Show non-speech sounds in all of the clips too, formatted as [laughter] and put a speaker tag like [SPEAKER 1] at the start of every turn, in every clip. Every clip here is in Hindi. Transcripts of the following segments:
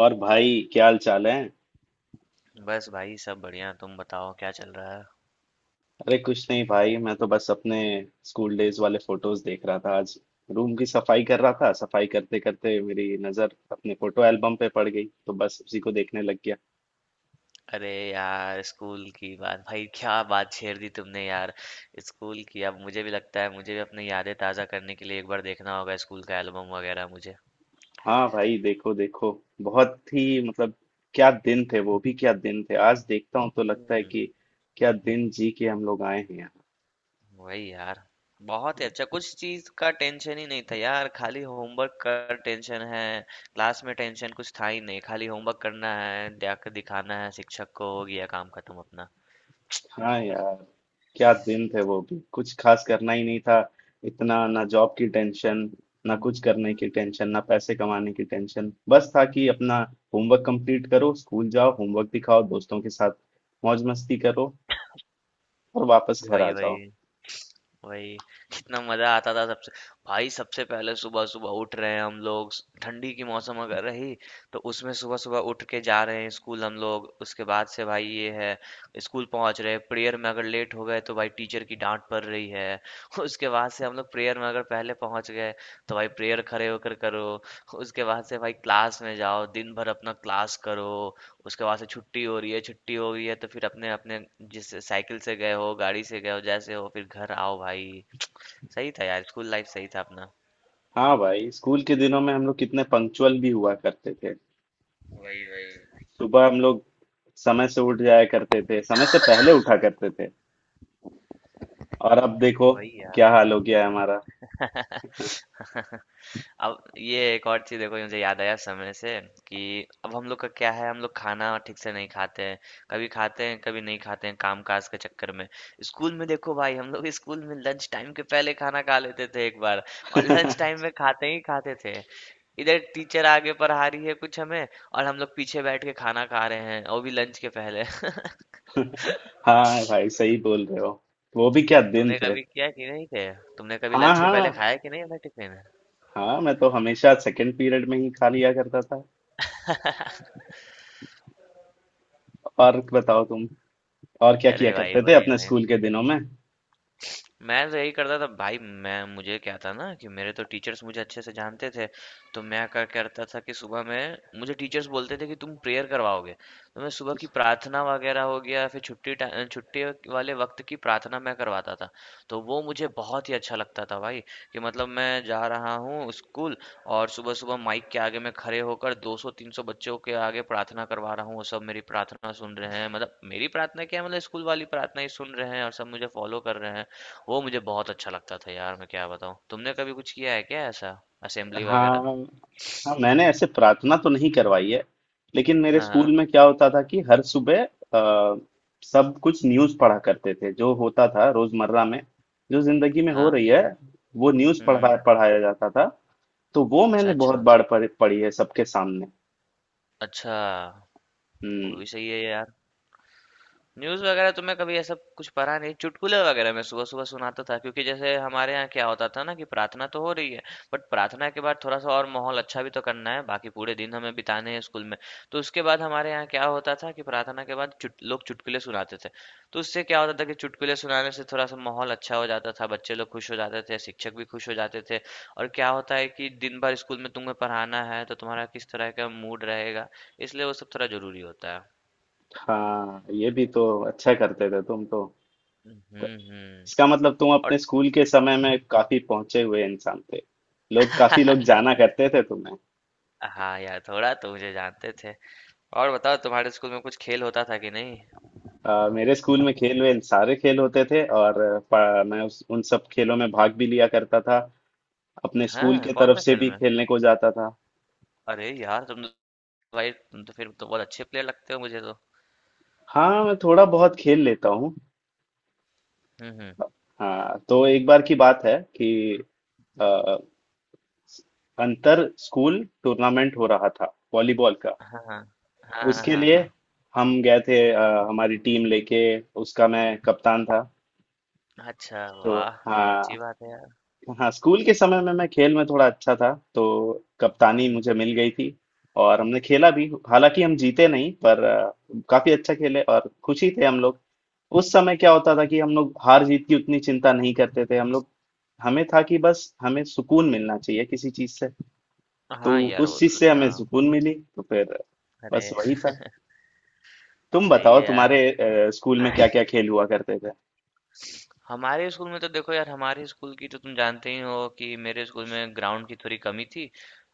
[SPEAKER 1] और भाई क्या हाल चाल है।
[SPEAKER 2] बस भाई सब बढ़िया। तुम बताओ क्या चल रहा है।
[SPEAKER 1] अरे कुछ नहीं भाई मैं तो बस अपने स्कूल डेज वाले फोटोज देख रहा था। आज रूम की सफाई कर रहा था, सफाई करते करते मेरी नजर अपने फोटो एल्बम पे पड़ गई तो बस उसी को देखने लग गया।
[SPEAKER 2] अरे यार स्कूल की बात, भाई क्या बात छेड़ दी तुमने यार। स्कूल की, अब मुझे भी लगता है मुझे भी अपनी यादें ताज़ा करने के लिए एक बार देखना होगा स्कूल का एल्बम वगैरह मुझे।
[SPEAKER 1] हाँ भाई, देखो देखो। बहुत ही मतलब, क्या दिन थे वो भी। क्या दिन थे, आज देखता हूँ तो लगता है
[SPEAKER 2] हम्म।
[SPEAKER 1] कि क्या दिन जी के हम लोग आए हैं।
[SPEAKER 2] वही यार। बहुत ही अच्छा, कुछ चीज़ का टेंशन ही नहीं था यार, खाली होमवर्क का टेंशन है। क्लास में टेंशन कुछ था ही नहीं, खाली होमवर्क करना है, जाकर दिखाना है शिक्षक को, हो गया काम खत्म अपना।
[SPEAKER 1] हाँ यार, क्या दिन थे वो भी। कुछ खास करना ही नहीं था। इतना ना जॉब की टेंशन, ना कुछ करने की टेंशन, ना पैसे कमाने की टेंशन। बस था कि अपना होमवर्क कंप्लीट करो, स्कूल जाओ, होमवर्क दिखाओ, दोस्तों के साथ मौज मस्ती करो और वापस घर आ
[SPEAKER 2] वही
[SPEAKER 1] जाओ।
[SPEAKER 2] वही वही। कितना मजा आता था सबसे। भाई सबसे पहले सुबह सुबह उठ रहे हैं हम लोग, ठंडी की मौसम अगर रही तो उसमें सुबह सुबह उठ के जा रहे हैं स्कूल हम लोग। उसके बाद से भाई ये है, स्कूल पहुंच रहे हैं, प्रेयर में अगर लेट हो गए तो भाई टीचर की डांट पड़ रही है। [laughs] उसके बाद से हम लोग प्रेयर में अगर पहले पहुंच गए तो भाई प्रेयर खड़े होकर करो। [laughs] उसके बाद से भाई क्लास में जाओ, दिन भर अपना क्लास करो। उसके बाद से छुट्टी हो रही है, छुट्टी हो गई है तो फिर अपने अपने जिस साइकिल से गए हो, गाड़ी से गए हो, जैसे हो फिर घर आओ भाई। सही था यार, स्कूल लाइफ सही था अपना।
[SPEAKER 1] हाँ भाई, स्कूल के दिनों में हम लोग कितने पंक्चुअल भी हुआ करते थे।
[SPEAKER 2] वही वही
[SPEAKER 1] सुबह हम लोग समय से उठ जाया करते थे, समय से पहले उठा करते थे। और अब देखो
[SPEAKER 2] वही यार।
[SPEAKER 1] क्या हाल हो गया है हमारा।
[SPEAKER 2] [laughs] अब ये एक और चीज देखो, ये मुझे याद आया समय से कि अब हम लोग का क्या है, हम लोग खाना ठीक से नहीं खाते हैं, कभी खाते हैं कभी नहीं खाते हैं काम काज के चक्कर में। स्कूल में देखो भाई, हम लोग स्कूल में लंच टाइम के पहले खाना खा लेते थे एक बार, और लंच टाइम में खाते ही खाते थे। इधर टीचर आगे पढ़ा रही है कुछ हमें, और हम लोग पीछे बैठ के खाना खा रहे हैं, वो भी लंच के पहले।
[SPEAKER 1] [laughs] हाँ भाई, सही बोल रहे हो। वो भी क्या
[SPEAKER 2] [laughs]
[SPEAKER 1] दिन
[SPEAKER 2] तुमने
[SPEAKER 1] थे।
[SPEAKER 2] कभी किया कि नहीं किया, तुमने कभी
[SPEAKER 1] हाँ
[SPEAKER 2] लंच के पहले
[SPEAKER 1] हाँ
[SPEAKER 2] खाया कि नहीं अपना टिफिन।
[SPEAKER 1] हाँ, मैं तो हमेशा सेकंड पीरियड में ही खा लिया करता था। और बताओ तुम, और क्या किया
[SPEAKER 2] अरे भाई
[SPEAKER 1] करते थे
[SPEAKER 2] भाई
[SPEAKER 1] अपने
[SPEAKER 2] भाई,
[SPEAKER 1] स्कूल के दिनों में।
[SPEAKER 2] मैं तो यही करता था भाई। मैं मुझे क्या था ना कि मेरे तो टीचर्स मुझे अच्छे से जानते थे। तो मैं क्या करता था कि सुबह में मुझे टीचर्स बोलते थे कि तुम प्रेयर करवाओगे। तो मैं सुबह की प्रार्थना वगैरह हो गया, फिर छुट्टी छुट्टी वाले वक्त की प्रार्थना मैं करवाता था। तो वो मुझे बहुत ही अच्छा लगता था भाई, कि मतलब मैं जा रहा हूँ स्कूल और सुबह सुबह माइक के आगे मैं खड़े होकर 200-300 बच्चों के आगे प्रार्थना करवा रहा हूँ, वो सब मेरी प्रार्थना सुन रहे हैं, मतलब मेरी प्रार्थना क्या है, मतलब स्कूल वाली प्रार्थना ही सुन रहे हैं और सब मुझे फॉलो कर रहे हैं। वो मुझे बहुत अच्छा लगता था यार, मैं क्या बताऊँ। तुमने कभी कुछ किया है क्या ऐसा, असेंबली वगैरह।
[SPEAKER 1] हाँ हाँ, मैंने ऐसे प्रार्थना तो नहीं करवाई है। लेकिन मेरे
[SPEAKER 2] हाँ हाँ
[SPEAKER 1] स्कूल में क्या होता था कि हर सुबह सब कुछ न्यूज़ पढ़ा करते थे, जो होता था रोजमर्रा में, जो जिंदगी में हो
[SPEAKER 2] हाँ।
[SPEAKER 1] रही है, वो न्यूज़ पढ़ा
[SPEAKER 2] हम्म।
[SPEAKER 1] पढ़ाया जाता था। तो वो
[SPEAKER 2] अच्छा
[SPEAKER 1] मैंने बहुत
[SPEAKER 2] अच्छा।
[SPEAKER 1] बार पढ़ी है सबके सामने।
[SPEAKER 2] अच्छा। वो
[SPEAKER 1] हम्म।
[SPEAKER 2] भी सही है यार। न्यूज़ वगैरह तो मैं कभी ऐसा कुछ पढ़ा नहीं, चुटकुले वगैरह मैं सुबह-सुबह सुनाता था, क्योंकि जैसे हमारे यहाँ क्या होता था ना कि प्रार्थना तो हो रही है, बट प्रार्थना के बाद थोड़ा-सा और माहौल अच्छा भी तो करना है, बाकी पूरे दिन हमें बिताने हैं स्कूल में। तो उसके बाद हमारे यहाँ क्या होता था कि प्रार्थना के बाद चुट लोग चुटकुले सुनाते थे। तो उससे क्या होता था कि चुटकुले सुनाने से थोड़ा-सा माहौल अच्छा हो जाता था, बच्चे लोग खुश हो जाते थे, शिक्षक भी खुश हो जाते थे। और क्या होता है कि दिन भर स्कूल में तुम्हें पढ़ाना है तो तुम्हारा किस तरह का मूड रहेगा, इसलिए वो सब थोड़ा ज़रूरी होता है।
[SPEAKER 1] हाँ, ये भी तो अच्छा करते थे तुम तो।
[SPEAKER 2] हुँ,
[SPEAKER 1] त-
[SPEAKER 2] हुँ।
[SPEAKER 1] इसका मतलब तुम अपने
[SPEAKER 2] और
[SPEAKER 1] स्कूल के समय में काफी पहुंचे हुए इंसान थे। लोग काफी लोग जाना करते थे तुम्हें।
[SPEAKER 2] हाँ यार, थोड़ा तो मुझे जानते थे। और बताओ, तुम्हारे स्कूल में कुछ खेल होता था कि नहीं।
[SPEAKER 1] मेरे स्कूल में खेल वेल सारे खेल होते थे और मैं उन सब खेलों में भाग भी लिया करता था। अपने स्कूल
[SPEAKER 2] हाँ
[SPEAKER 1] के
[SPEAKER 2] कौन
[SPEAKER 1] तरफ
[SPEAKER 2] सा
[SPEAKER 1] से
[SPEAKER 2] खेल
[SPEAKER 1] भी
[SPEAKER 2] में।
[SPEAKER 1] खेलने को जाता था।
[SPEAKER 2] अरे यार तुम तो, भाई तुम तो फिर तो बहुत अच्छे प्लेयर लगते हो मुझे तो।
[SPEAKER 1] हाँ, मैं थोड़ा बहुत खेल लेता हूँ।
[SPEAKER 2] हम्म।
[SPEAKER 1] हाँ तो एक बार की बात है कि अ, अंतर स्कूल टूर्नामेंट हो रहा था वॉलीबॉल का।
[SPEAKER 2] हाँ हाँ हाँ
[SPEAKER 1] उसके
[SPEAKER 2] हाँ
[SPEAKER 1] लिए
[SPEAKER 2] हाँ।
[SPEAKER 1] हम गए थे, हमारी टीम लेके। उसका मैं कप्तान था।
[SPEAKER 2] हाँ। अच्छा
[SPEAKER 1] तो
[SPEAKER 2] वाह, तो बहुत अच्छी
[SPEAKER 1] हाँ
[SPEAKER 2] बात है यार।
[SPEAKER 1] हाँ, स्कूल के समय में मैं खेल में थोड़ा अच्छा था तो कप्तानी
[SPEAKER 2] हम्म।
[SPEAKER 1] मुझे मिल गई थी। और हमने खेला भी, हालांकि हम जीते नहीं पर काफी अच्छा खेले और खुशी थे हम लोग। उस समय क्या होता था कि हम लोग हार जीत की उतनी चिंता नहीं करते थे हम लोग। हमें था कि बस हमें सुकून मिलना चाहिए किसी चीज से। तो
[SPEAKER 2] हाँ यार वो
[SPEAKER 1] उस चीज
[SPEAKER 2] तो,
[SPEAKER 1] से हमें
[SPEAKER 2] हाँ।
[SPEAKER 1] सुकून मिली तो फिर बस
[SPEAKER 2] अरे।
[SPEAKER 1] वही था। तुम
[SPEAKER 2] [laughs] सही
[SPEAKER 1] बताओ,
[SPEAKER 2] है यार।
[SPEAKER 1] तुम्हारे स्कूल में क्या क्या खेल हुआ करते थे।
[SPEAKER 2] हमारे स्कूल में तो देखो यार, हमारे स्कूल की तो तुम जानते ही हो कि मेरे स्कूल में ग्राउंड की थोड़ी कमी थी।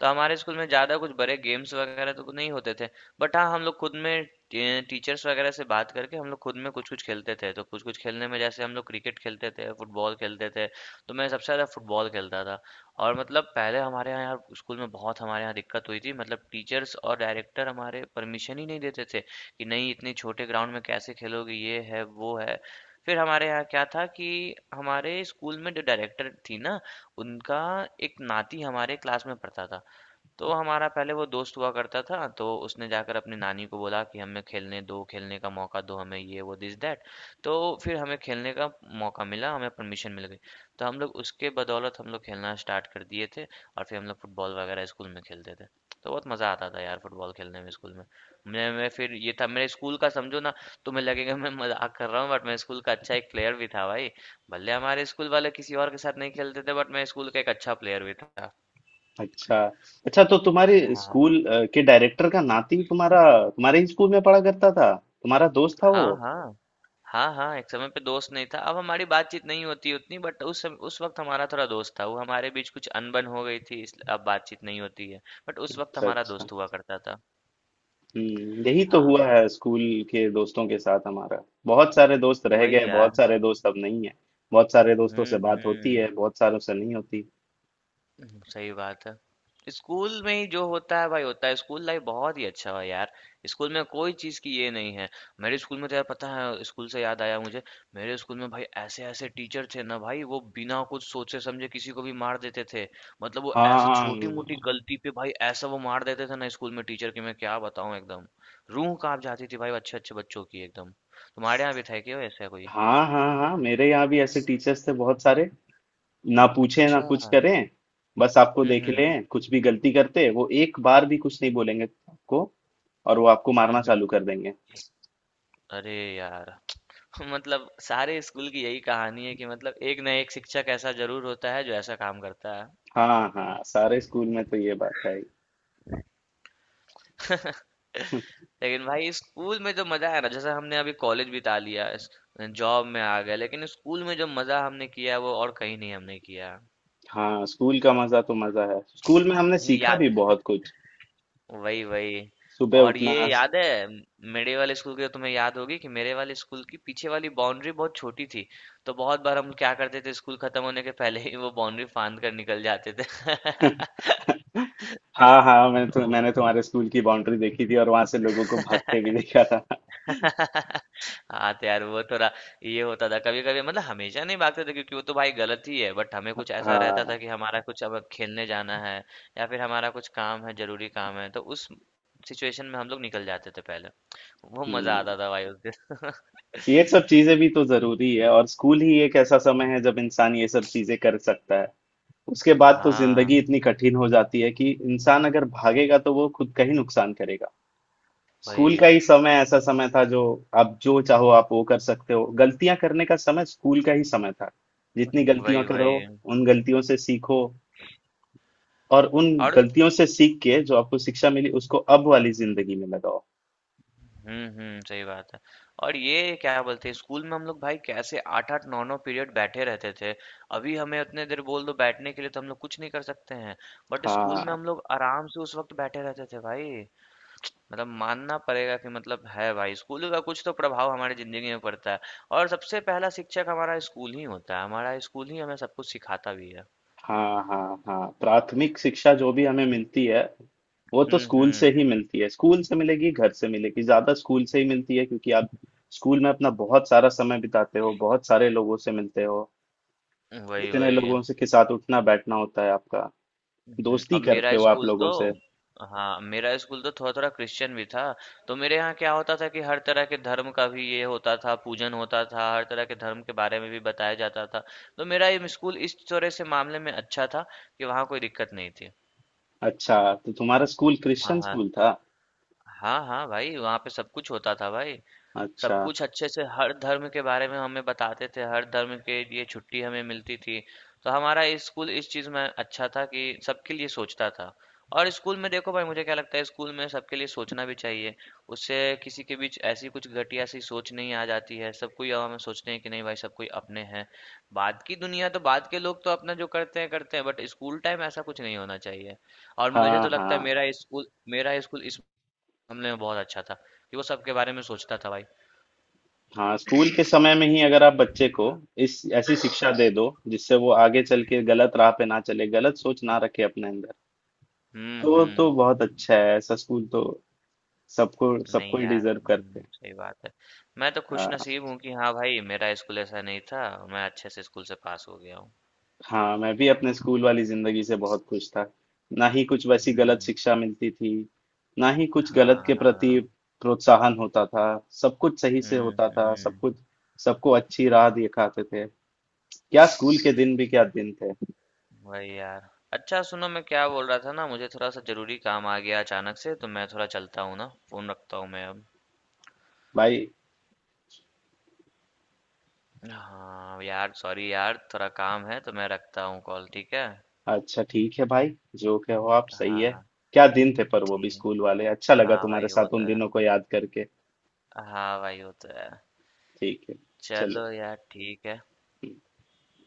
[SPEAKER 2] तो हमारे स्कूल में ज़्यादा कुछ बड़े गेम्स वगैरह तो नहीं होते थे। बट हाँ, हम लोग खुद में टीचर्स वगैरह से बात करके हम लोग खुद में कुछ कुछ खेलते थे। तो कुछ कुछ खेलने में जैसे हम लोग क्रिकेट खेलते थे, फुटबॉल खेलते थे। तो मैं सबसे ज़्यादा फुटबॉल खेलता था। और मतलब पहले हमारे यहाँ यार स्कूल में बहुत हमारे यहाँ दिक्कत हुई थी, मतलब टीचर्स और डायरेक्टर हमारे परमिशन ही नहीं देते थे कि नहीं इतने छोटे ग्राउंड में कैसे खेलोगे, ये है वो है। फिर हमारे यहाँ क्या था कि हमारे स्कूल में जो डायरेक्टर थी ना, उनका एक नाती हमारे क्लास में पढ़ता था। तो हमारा पहले वो दोस्त हुआ करता था, तो उसने जाकर अपनी नानी को बोला कि हमें खेलने दो, खेलने का मौका दो हमें, ये वो दिस दैट। तो फिर हमें खेलने का मौका मिला, हमें परमिशन मिल गई। तो हम लोग उसके बदौलत हम लोग खेलना स्टार्ट कर दिए थे और फिर हम लोग फुटबॉल वगैरह स्कूल में खेलते थे। तो बहुत मज़ा आता था यार फुटबॉल खेलने में स्कूल में। मैं फिर ये था मेरे स्कूल का समझो ना, तुम्हें लगेगा मैं मज़ाक कर रहा हूँ बट मैं स्कूल का अच्छा एक प्लेयर भी था भाई। भले हमारे स्कूल वाले किसी और के साथ नहीं खेलते थे बट मैं स्कूल का एक अच्छा प्लेयर भी था।
[SPEAKER 1] अच्छा अच्छा, तो तुम्हारे
[SPEAKER 2] हाँ।
[SPEAKER 1] स्कूल के डायरेक्टर का नाती तुम्हारा तुम्हारे ही स्कूल में पढ़ा करता था। तुम्हारा दोस्त था वो।
[SPEAKER 2] हाँ, हाँ। हाँ, हाँ, एक समय पे दोस्त नहीं था। अब हमारी बातचीत नहीं होती उतनी, बट उस वक़्त हमारा थोड़ा दोस्त था। वो हमारे बीच कुछ अनबन हो गई थी इसलिए अब बातचीत नहीं होती है। बट उस वक़्त
[SPEAKER 1] अच्छा
[SPEAKER 2] हमारा
[SPEAKER 1] अच्छा।
[SPEAKER 2] दोस्त हुआ करता था।
[SPEAKER 1] हम्म, यही तो हुआ
[SPEAKER 2] हाँ,
[SPEAKER 1] है स्कूल के दोस्तों के साथ हमारा। बहुत सारे दोस्त रह गए,
[SPEAKER 2] वही
[SPEAKER 1] बहुत
[SPEAKER 2] यार।
[SPEAKER 1] सारे दोस्त अब नहीं है। बहुत सारे दोस्तों
[SPEAKER 2] हुँ,
[SPEAKER 1] से बात होती
[SPEAKER 2] हुँ।
[SPEAKER 1] है, बहुत सारों से नहीं होती।
[SPEAKER 2] हुँ, सही बात है। स्कूल में ही जो होता है भाई होता है। स्कूल लाइफ बहुत ही अच्छा है यार। स्कूल में कोई चीज़ की ये नहीं है। मेरे स्कूल में तो यार पता है, स्कूल से याद आया मुझे, मेरे स्कूल में भाई ऐसे-ऐसे टीचर थे ना भाई, वो बिना कुछ सोचे समझे किसी को भी मार देते थे। मतलब वो
[SPEAKER 1] हाँ
[SPEAKER 2] ऐसा
[SPEAKER 1] हाँ
[SPEAKER 2] छोटी-मोटी गलती पे भाई ऐसा वो मार देते थे ना स्कूल में टीचर, कि मैं क्या बताऊँ एकदम। रूह काँप जाती थी भाई अच्छे-अच्छे बच्चों की एकदम। तुम्हारे यहाँ भी था क्या ऐसा कोई?
[SPEAKER 1] हाँ हाँ हाँ, मेरे यहाँ भी ऐसे टीचर्स थे बहुत सारे। ना पूछे, ना
[SPEAKER 2] अच्छा।
[SPEAKER 1] कुछ करें, बस आपको
[SPEAKER 2] हुँ,
[SPEAKER 1] देख
[SPEAKER 2] हुँ।
[SPEAKER 1] लें कुछ भी गलती करते, वो एक बार भी कुछ नहीं बोलेंगे आपको और वो आपको
[SPEAKER 2] हुँ,
[SPEAKER 1] मारना
[SPEAKER 2] हुँ।
[SPEAKER 1] चालू कर देंगे।
[SPEAKER 2] अरे यार! [laughs] मतलब सारे स्कूल की यही कहानी है कि मतलब एक ना एक शिक्षक ऐसा जरूर होता है जो ऐसा काम करता है।
[SPEAKER 1] हाँ हाँ, सारे स्कूल में तो ये बात है ही। [laughs]
[SPEAKER 2] लेकिन भाई स्कूल में जो मजा है ना, जैसे हमने अभी कॉलेज बिता लिया, जॉब में आ गए, लेकिन स्कूल में जो मजा हमने किया है वो और कहीं नहीं हमने किया
[SPEAKER 1] हाँ, स्कूल का मजा तो मजा है। स्कूल में हमने
[SPEAKER 2] है।
[SPEAKER 1] सीखा भी
[SPEAKER 2] याद
[SPEAKER 1] बहुत कुछ।
[SPEAKER 2] वही वही।
[SPEAKER 1] सुबह
[SPEAKER 2] और ये
[SPEAKER 1] उठना।
[SPEAKER 2] याद है, मेरे वाले स्कूल की तो तुम्हें याद होगी कि मेरे वाले स्कूल की पीछे वाली बाउंड्री बहुत छोटी थी। तो बहुत बार हम क्या करते थे, स्कूल खत्म होने के पहले ही वो बाउंड्री फांद कर निकल जाते थे। [laughs]
[SPEAKER 1] हाँ हाँ, मैंने तो
[SPEAKER 2] ओ।
[SPEAKER 1] मैंने तुम्हारे स्कूल की बाउंड्री देखी थी और वहां से लोगों को भागते भी देखा था।
[SPEAKER 2] [laughs] हाँ तो यार वो थोड़ा ये होता था कभी कभी, मतलब हमेशा नहीं भागते थे क्योंकि वो तो भाई गलत ही है, बट हमें कुछ ऐसा रहता
[SPEAKER 1] हाँ।
[SPEAKER 2] था कि हमारा कुछ अब खेलने जाना है या फिर हमारा कुछ काम है, जरूरी काम है, तो उस सिचुएशन में हम लोग निकल जाते थे पहले। वो मजा
[SPEAKER 1] हम्म
[SPEAKER 2] आता था भाई उस दिन।
[SPEAKER 1] ये सब चीजें भी तो जरूरी है और स्कूल ही एक ऐसा समय है जब इंसान ये सब चीजें कर सकता है। उसके बाद तो जिंदगी
[SPEAKER 2] हाँ।
[SPEAKER 1] इतनी कठिन हो जाती है कि इंसान अगर भागेगा तो वो खुद का ही नुकसान करेगा। स्कूल
[SPEAKER 2] वही
[SPEAKER 1] का ही समय ऐसा समय था जो आप जो चाहो आप वो कर सकते हो। गलतियां करने का समय स्कूल का ही समय था। जितनी गलतियां
[SPEAKER 2] वही
[SPEAKER 1] करो,
[SPEAKER 2] वही।
[SPEAKER 1] उन गलतियों से सीखो और उन
[SPEAKER 2] और
[SPEAKER 1] गलतियों से सीख के जो आपको शिक्षा मिली उसको अब वाली जिंदगी में लगाओ।
[SPEAKER 2] हुँ, हुँ, सही बात है। और ये क्या बोलते हैं, स्कूल में हम लोग भाई कैसे 8-8 9-9 पीरियड बैठे रहते थे। अभी हमें उतने देर बोल दो बैठने के लिए तो हम लोग कुछ नहीं कर सकते हैं। बट स्कूल में
[SPEAKER 1] हाँ
[SPEAKER 2] हम लोग आराम से उस वक़्त बैठे रहते थे भाई। मतलब मानना पड़ेगा कि मतलब है भाई स्कूल का कुछ तो प्रभाव हमारी ज़िंदगी में पड़ता है। और सबसे पहला शिक्षक हमारा स्कूल ही होता है। हमारा स्कूल ही हमें सब कुछ सिखाता भी है।
[SPEAKER 1] हाँ हाँ हाँ, प्राथमिक शिक्षा जो भी हमें मिलती है वो तो
[SPEAKER 2] हुँ,
[SPEAKER 1] स्कूल से
[SPEAKER 2] हुँ।
[SPEAKER 1] ही मिलती है। स्कूल से मिलेगी, घर से मिलेगी, ज्यादा स्कूल से ही मिलती है, क्योंकि आप स्कूल में अपना बहुत सारा समय बिताते हो, बहुत सारे लोगों से मिलते हो।
[SPEAKER 2] वही,
[SPEAKER 1] इतने
[SPEAKER 2] वही।
[SPEAKER 1] लोगों से के साथ उठना बैठना होता है आपका। दोस्ती
[SPEAKER 2] अब
[SPEAKER 1] करते
[SPEAKER 2] मेरा
[SPEAKER 1] हो आप
[SPEAKER 2] स्कूल तो,
[SPEAKER 1] लोगों से।
[SPEAKER 2] हाँ मेरा स्कूल तो थोड़ा थोड़ा क्रिश्चियन भी था। तो मेरे यहाँ क्या होता था कि हर तरह के धर्म का भी ये होता था, पूजन होता था, हर तरह के धर्म के बारे में भी बताया जाता था। तो मेरा ये स्कूल इस तरह से मामले में अच्छा था, कि वहाँ कोई दिक्कत नहीं थी।
[SPEAKER 1] अच्छा, तो तुम्हारा स्कूल
[SPEAKER 2] हाँ
[SPEAKER 1] क्रिश्चियन
[SPEAKER 2] हाँ।
[SPEAKER 1] स्कूल था।
[SPEAKER 2] हाँ हाँ भाई, वहाँ पे सब कुछ होता था भाई।
[SPEAKER 1] अच्छा।
[SPEAKER 2] सब कुछ अच्छे से, हर धर्म के बारे में हमें बताते थे, हर धर्म के लिए छुट्टी हमें मिलती थी। तो हमारा स्कूल इस चीज़ में अच्छा था कि सबके लिए सोचता था। और स्कूल में देखो भाई, मुझे क्या लगता है, स्कूल में सबके लिए सोचना भी चाहिए। उससे किसी के बीच ऐसी कुछ घटिया सी सोच नहीं आ जाती है, सब कोई हमें सोचते हैं कि नहीं भाई सब कोई अपने हैं। बाद की दुनिया तो बाद के लोग तो अपना जो करते हैं करते हैं, बट स्कूल टाइम ऐसा कुछ नहीं होना चाहिए। और मुझे
[SPEAKER 1] हाँ
[SPEAKER 2] तो लगता है
[SPEAKER 1] हाँ
[SPEAKER 2] मेरा स्कूल, मेरा स्कूल इस मामले में बहुत अच्छा था, कि वो सबके बारे में सोचता था भाई।
[SPEAKER 1] हाँ, स्कूल के समय में ही अगर आप बच्चे को इस ऐसी शिक्षा दे दो जिससे वो आगे चल के गलत राह पे ना चले, गलत सोच ना रखे अपने अंदर,
[SPEAKER 2] हुँ,
[SPEAKER 1] तो वो तो
[SPEAKER 2] हुँ।
[SPEAKER 1] बहुत अच्छा है। ऐसा स्कूल तो सबको सबको
[SPEAKER 2] नहीं
[SPEAKER 1] ही
[SPEAKER 2] यार,
[SPEAKER 1] डिजर्व करते
[SPEAKER 2] हुँ,
[SPEAKER 1] हैं।
[SPEAKER 2] सही बात है। मैं तो
[SPEAKER 1] आ,
[SPEAKER 2] खुशनसीब हूँ कि हाँ भाई, मेरा स्कूल ऐसा नहीं था, मैं अच्छे से स्कूल से पास हो गया हूँ।
[SPEAKER 1] हाँ, मैं भी अपने स्कूल वाली जिंदगी से बहुत खुश था। ना ही कुछ वैसी गलत
[SPEAKER 2] हुँ।
[SPEAKER 1] शिक्षा मिलती थी, ना ही कुछ गलत के
[SPEAKER 2] हाँ,
[SPEAKER 1] प्रति
[SPEAKER 2] हाँ।
[SPEAKER 1] प्रोत्साहन होता था। सब कुछ सही से
[SPEAKER 2] हुँ,
[SPEAKER 1] होता था। सब
[SPEAKER 2] हुँ।
[SPEAKER 1] कुछ सबको अच्छी राह दिखाते थे। क्या स्कूल के दिन भी क्या दिन थे।
[SPEAKER 2] वही यार। अच्छा सुनो, मैं क्या बोल रहा था ना, मुझे थोड़ा-सा ज़रूरी काम आ गया अचानक से, तो मैं थोड़ा चलता हूँ ना, फ़ोन रखता हूँ मैं अब।
[SPEAKER 1] भाई,
[SPEAKER 2] हाँ, यार सॉरी यार, थोड़ा काम है तो मैं रखता हूँ कॉल, ठीक है?
[SPEAKER 1] अच्छा ठीक है भाई। जो कहो आप सही है।
[SPEAKER 2] हाँ,
[SPEAKER 1] क्या दिन थे पर वो भी
[SPEAKER 2] ठीक।
[SPEAKER 1] स्कूल वाले। अच्छा लगा
[SPEAKER 2] हाँ
[SPEAKER 1] तुम्हारे
[SPEAKER 2] भाई, वो
[SPEAKER 1] साथ
[SPEAKER 2] तो
[SPEAKER 1] उन
[SPEAKER 2] है।
[SPEAKER 1] दिनों को याद करके।
[SPEAKER 2] हाँ भाई, वो तो है।
[SPEAKER 1] ठीक है, चलो।
[SPEAKER 2] चलो यार, ठीक है।